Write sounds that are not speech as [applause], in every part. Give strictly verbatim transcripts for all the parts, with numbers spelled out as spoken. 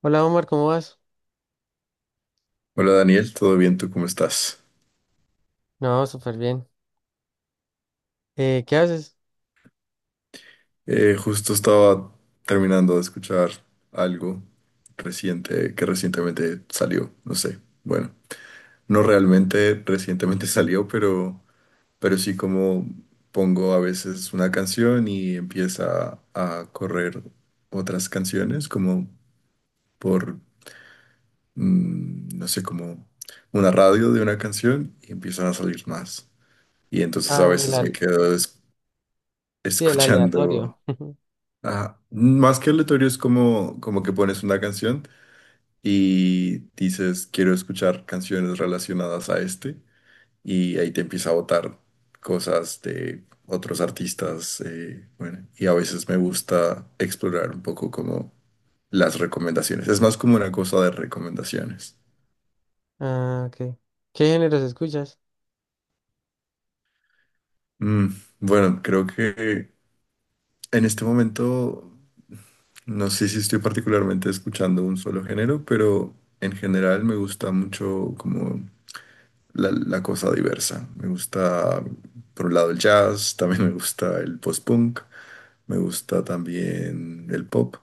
Hola Omar, ¿cómo vas? Hola Daniel, ¿todo bien? ¿Tú cómo estás? No, súper bien. Eh, ¿qué haces? Eh, justo estaba terminando de escuchar algo reciente que recientemente salió, no sé. Bueno, no realmente recientemente [laughs] salió, pero, pero sí como pongo a veces una canción y empieza a correr otras canciones como por, mm, no sé, como una radio de una canción y empiezan a salir más. Y entonces a Ah, el veces me al... quedo es- [laughs] sí, el aleatorio. escuchando. [laughs] Ajá. Más que aleatorio es como, como que pones una canción y dices, quiero escuchar canciones relacionadas a este, y ahí te empieza a botar cosas de otros artistas. Eh, bueno, y a veces me gusta explorar un poco como las recomendaciones. Es más como una cosa de recomendaciones. Ah, ok. ¿Qué géneros escuchas? Mm, bueno, creo que en este momento no sé si estoy particularmente escuchando un solo género, pero en general me gusta mucho como la, la cosa diversa. Me gusta, por un lado, el jazz, [laughs] también me gusta el post-punk, me gusta también el pop,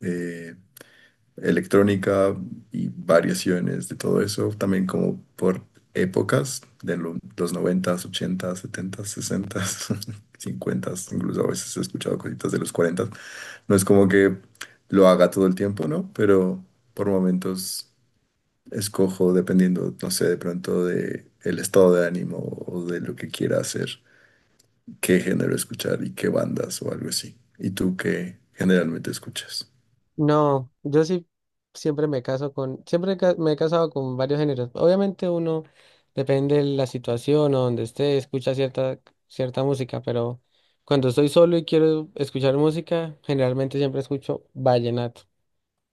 eh, electrónica y variaciones de todo eso, también como por épocas, de lo- los noventas, ochentas, setentas, sesentas [laughs] cincuentas, incluso a veces he escuchado cositas de los cuarentas. No es como que lo haga todo el tiempo, ¿no? Pero por momentos escojo dependiendo, no sé, de pronto de el estado de ánimo o de lo que quiera hacer, qué género escuchar y qué bandas o algo así. ¿Y tú qué generalmente escuchas? No, yo sí siempre me caso con, siempre ca- me he casado con varios géneros. Obviamente uno depende de la situación o donde esté, escucha cierta, cierta música, pero cuando estoy solo y quiero escuchar música, generalmente siempre escucho vallenato.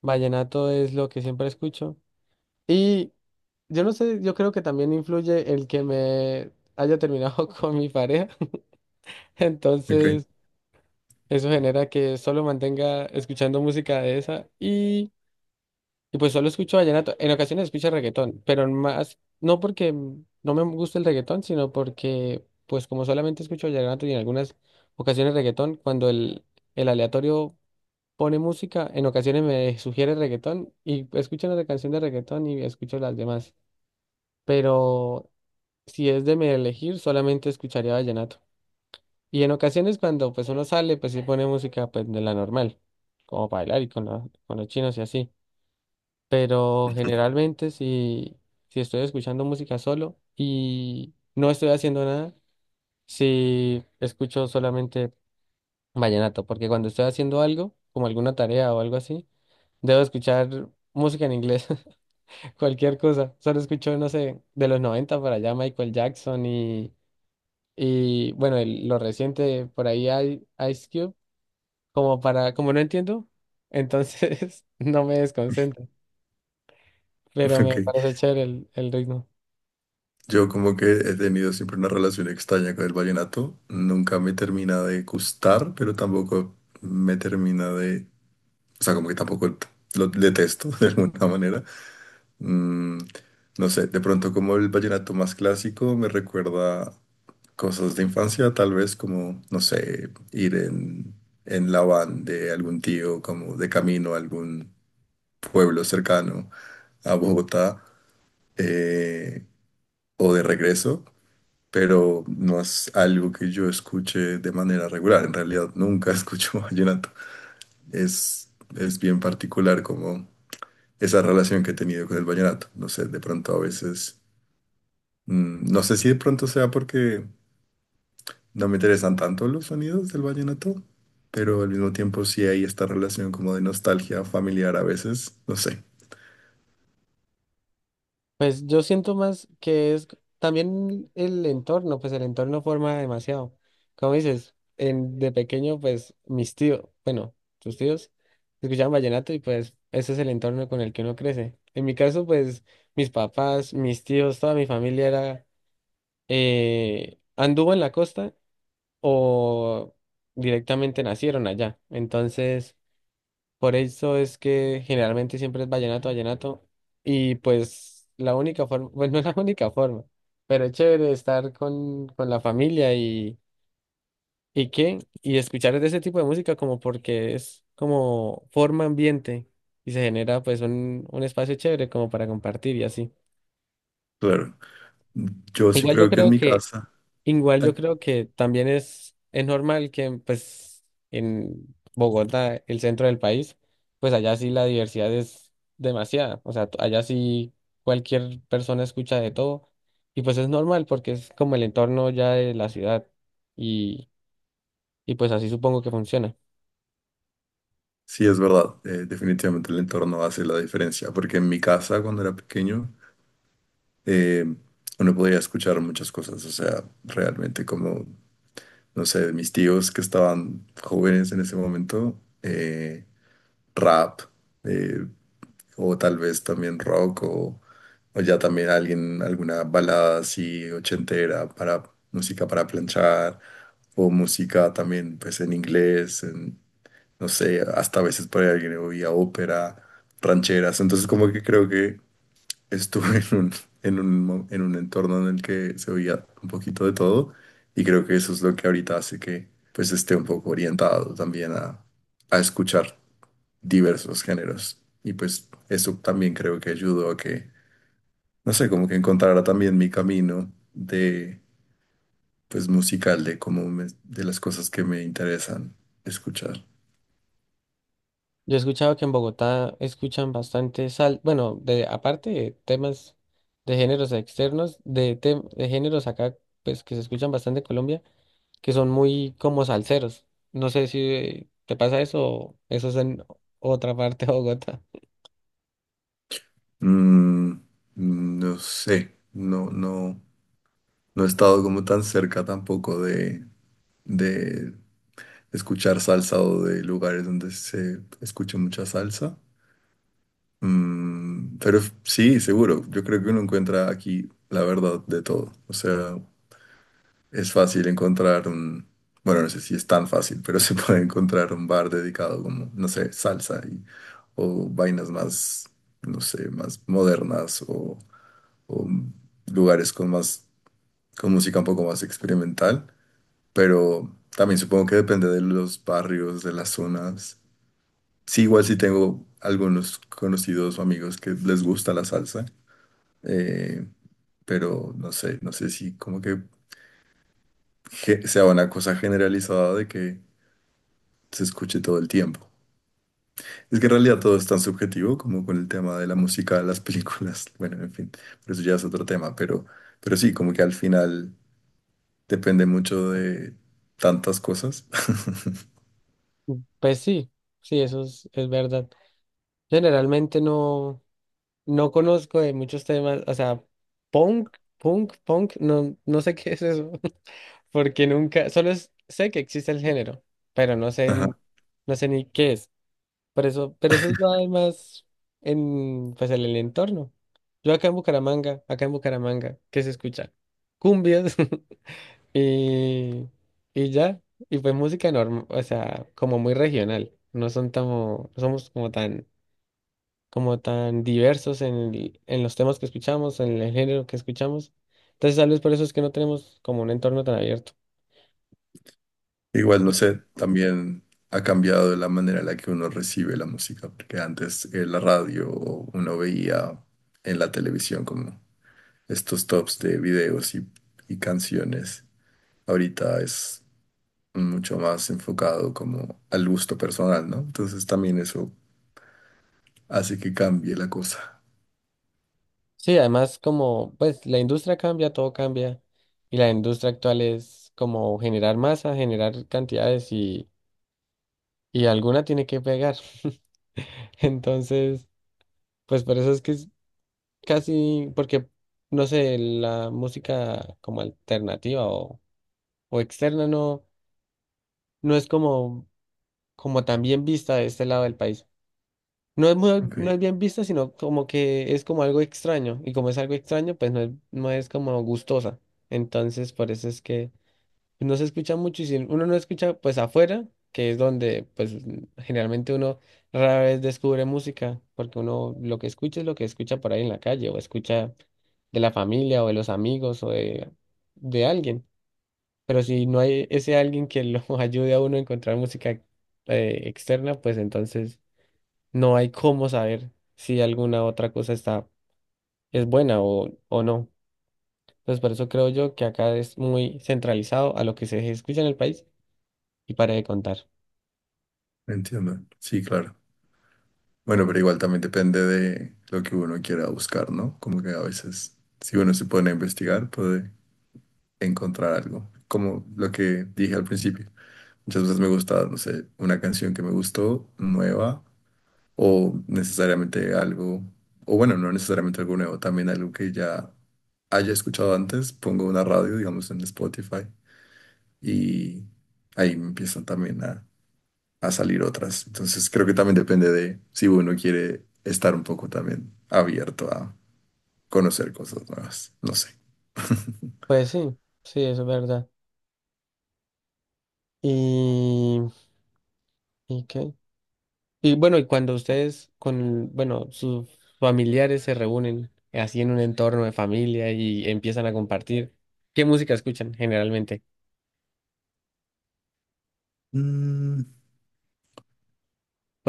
Vallenato es lo que siempre escucho. Y yo no sé, yo creo que también influye el que me haya terminado [laughs] con mi pareja. [laughs] Ok, Entonces, eso genera que solo mantenga escuchando música de esa y, y pues solo escucho vallenato. En ocasiones escucho reggaetón, pero más, no porque no me gusta el reggaetón, sino porque pues como solamente escucho vallenato y en algunas ocasiones reggaetón, cuando el, el aleatorio pone música, en ocasiones me sugiere reggaetón y escucho una canción de reggaetón y escucho las demás. Pero si es de mi elegir, solamente escucharía vallenato. Y en ocasiones cuando pues uno sale, pues sí pone música pues de la normal, como para bailar y con, la- con los chinos y así. Pero generalmente si, si estoy escuchando música solo y no estoy haciendo nada, si escucho solamente vallenato, porque cuando estoy haciendo algo, como alguna tarea o algo así, debo escuchar música en inglés, [laughs] cualquier cosa. Solo escucho, no sé, de los noventa para allá Michael Jackson. Y bueno, el- lo reciente por ahí hay Ice Cube, como para, como no entiendo, entonces [laughs] no me desconcentro, [laughs] pero ok. me parece chévere el, el ritmo. Yo como que he tenido siempre una relación extraña con el vallenato. Nunca me termina de gustar, pero tampoco me termina de... O sea, como que tampoco lo detesto [laughs] de alguna manera. Mm, no sé, de pronto como el vallenato más clásico me recuerda cosas de infancia, tal vez como, no sé, ir en, en la van de algún tío, como de camino a algún pueblo cercano a Bogotá, eh, o de regreso, pero no es algo que yo escuche de manera regular. En realidad nunca [laughs] escucho vallenato. Es, es bien particular como esa relación que he tenido con el vallenato. No sé, de pronto a veces, mm, no sé si de pronto sea porque no me interesan tanto los sonidos del vallenato, pero al mismo tiempo sí hay esta relación como de nostalgia familiar a veces, no sé, Pues yo siento más que es c- también el entorno, pues el entorno forma demasiado. Como dices, en, de pequeño, pues mis tíos, bueno, tus tíos, escuchaban vallenato y pues ese es el entorno con el que uno crece. En mi caso, pues mis papás, mis tíos, toda mi familia era eh, anduvo en la costa o directamente nacieron allá. Entonces, por eso es que generalmente siempre es vallenato, vallenato. Y pues la única forma, [laughs] bueno, no es la única forma, pero es chévere estar con, con la familia y, y qué, y escuchar de ese tipo de música como porque es como forma ambiente y se genera pues un, un espacio chévere como para compartir y así. claro. Yo sí Igual yo creo que en creo mi que casa, Igual yo ay, creo que también es, es normal que pues en Bogotá, el centro del país, pues allá sí la diversidad es demasiada. O sea, t- allá sí cualquier persona escucha de todo. Y pues es normal porque es como el entorno ya de la ciudad. Y, y pues así supongo que funciona. sí es verdad, eh, definitivamente el entorno hace la diferencia, porque en mi casa cuando era pequeño, eh, uno podía escuchar muchas cosas, o sea, realmente como, no sé, mis tíos que estaban jóvenes en ese momento, eh, rap, eh, o tal vez también rock, o, o ya también alguien, alguna balada así ochentera para música para planchar, o música también pues en inglés, en- no sé, hasta a veces por ahí alguien oía ópera, rancheras, entonces como que creo que estuve [laughs] en un, en un, mo- en un entorno en el que se oía un poquito de todo, y creo que eso es lo que ahorita hace que pues esté un poco orientado también a, a escuchar diversos géneros. Y pues eso también creo que ayudó a que, no sé, como que encontrara también mi camino de, pues musical, de cómo me- de las cosas que me interesan escuchar. Yo he escuchado que en Bogotá escuchan bastante sal, bueno, de aparte de temas de géneros externos, de, tem- de géneros acá, pues que se escuchan bastante en Colombia que son muy como salseros. No sé si te pasa eso o eso es en otra parte de Bogotá. Mm, no sé, no, no, no he estado como tan cerca tampoco de, de escuchar salsa o de lugares donde se escuche mucha salsa. Mm, pero f- sí, seguro. Yo creo que uno encuentra aquí la verdad de todo. O sea, es fácil encontrar un, bueno, no sé si es tan fácil, pero [laughs] se puede encontrar un bar dedicado como, no sé, salsa y, o vainas más, no sé, más modernas o, o lugares con más, con música un poco más experimental. Pero también supongo que depende de los barrios, de las zonas. Sí, igual sí tengo algunos conocidos o amigos que les gusta la salsa, eh, pero no sé, no sé si como que ge- sea una cosa generalizada de que se escuche todo el tiempo. Es que en realidad todo es tan subjetivo como con el tema de la música, las películas, [laughs] bueno, en fin, pero eso ya es otro tema, pero, pero sí, como que al final depende mucho de tantas cosas. [laughs] Pues sí, sí, eso es, es verdad. Generalmente no, no conozco de muchos temas, o sea, punk, punk, punk, no, no sé [laughs] qué es eso, [laughs] porque nunca, solo es- sé que existe el género, pero no sé, Ajá. n- no sé ni qué es. Por eso, pero eso es nada más en, pues, en el entorno. Yo acá en Bucaramanga, acá en Bucaramanga, ¿qué se escucha? Cumbias. [laughs] Y, y ya, y fue música normal, o sea, como muy regional. No son tan, no somos como tan, como tan diversos en, el- en los temas que escuchamos, en el género que escuchamos. Entonces, tal vez por eso es que no tenemos como un entorno tan abierto. Igual, no sé, también ha cambiado la manera en la que uno recibe la música, porque antes en la radio o uno veía en la televisión como estos tops de videos y, y canciones. Ahorita es mucho más enfocado como al gusto personal, ¿no? Entonces también eso hace que cambie la cosa. Sí, además, como, pues, la industria cambia, todo cambia. Y la industria actual es como generar masa, generar cantidades y, y alguna tiene que pegar. [laughs] Entonces, pues por eso es que casi porque, no sé, la música como alternativa o, o externa no, no es como, como tan bien vista de este lado del país. No es muy, Ok, no es bien vista, sino como que es como algo extraño. Y como es algo extraño, pues no es, no es como gustosa. Entonces, por eso es que no se escucha mucho y si uno no escucha pues afuera, que es donde pues generalmente uno rara vez descubre música, porque uno lo que escucha es lo que escucha por ahí en la calle o escucha de la familia o de los amigos o de, de alguien. Pero si no hay ese alguien que lo [laughs] ayude a uno a encontrar música eh, externa, pues entonces no hay cómo saber si alguna otra cosa está, es buena o, o no. Entonces por eso creo yo que acá es muy centralizado a lo que se escucha en el país y para de contar. entiendo. Sí, claro. Bueno, pero igual también depende de lo que uno quiera buscar, ¿no? Como que a veces, si uno se pone a investigar, puede encontrar algo. Como lo que dije al principio. Muchas veces me gusta, no sé, una canción que me gustó, nueva, o necesariamente algo, o bueno, no necesariamente algo nuevo, también algo que ya haya escuchado antes, pongo una radio, digamos, en Spotify y ahí empiezan también a, a salir otras. Entonces creo que también depende de si uno quiere estar un poco también abierto a conocer cosas nuevas. No sé. Pues sí, sí, eso es verdad. Y, ¿y qué? Y bueno, y cuando ustedes con, bueno, sus familiares se reúnen así en un entorno de familia y empiezan a compartir, ¿qué música escuchan generalmente? Mm,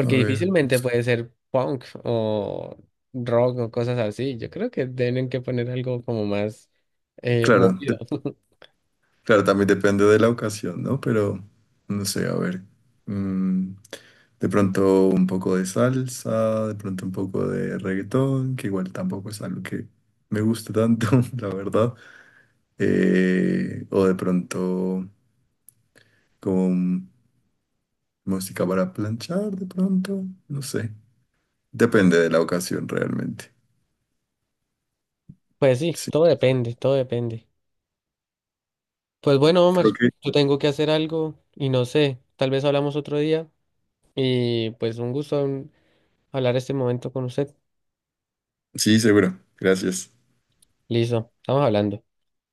a ver, no difícilmente sé. puede ser punk o rock o cosas así. Yo creo que tienen que poner algo como más eh, Claro, movido. de- [laughs] claro, también depende de la ocasión, ¿no? Pero no sé, a ver. mm, de pronto un poco de salsa, de pronto un poco de reggaetón, que igual tampoco es algo que me guste tanto, [laughs] la verdad. Eh, o de pronto con música para planchar de pronto, no sé. Depende de la ocasión realmente. Pues sí, Sí, todo depende, todo depende. Pues bueno, Omar, creo que yo tengo que hacer algo y no sé, tal vez hablamos otro día. Y pues un gusto hablar este momento con usted. sí, seguro. Gracias. Listo, estamos hablando.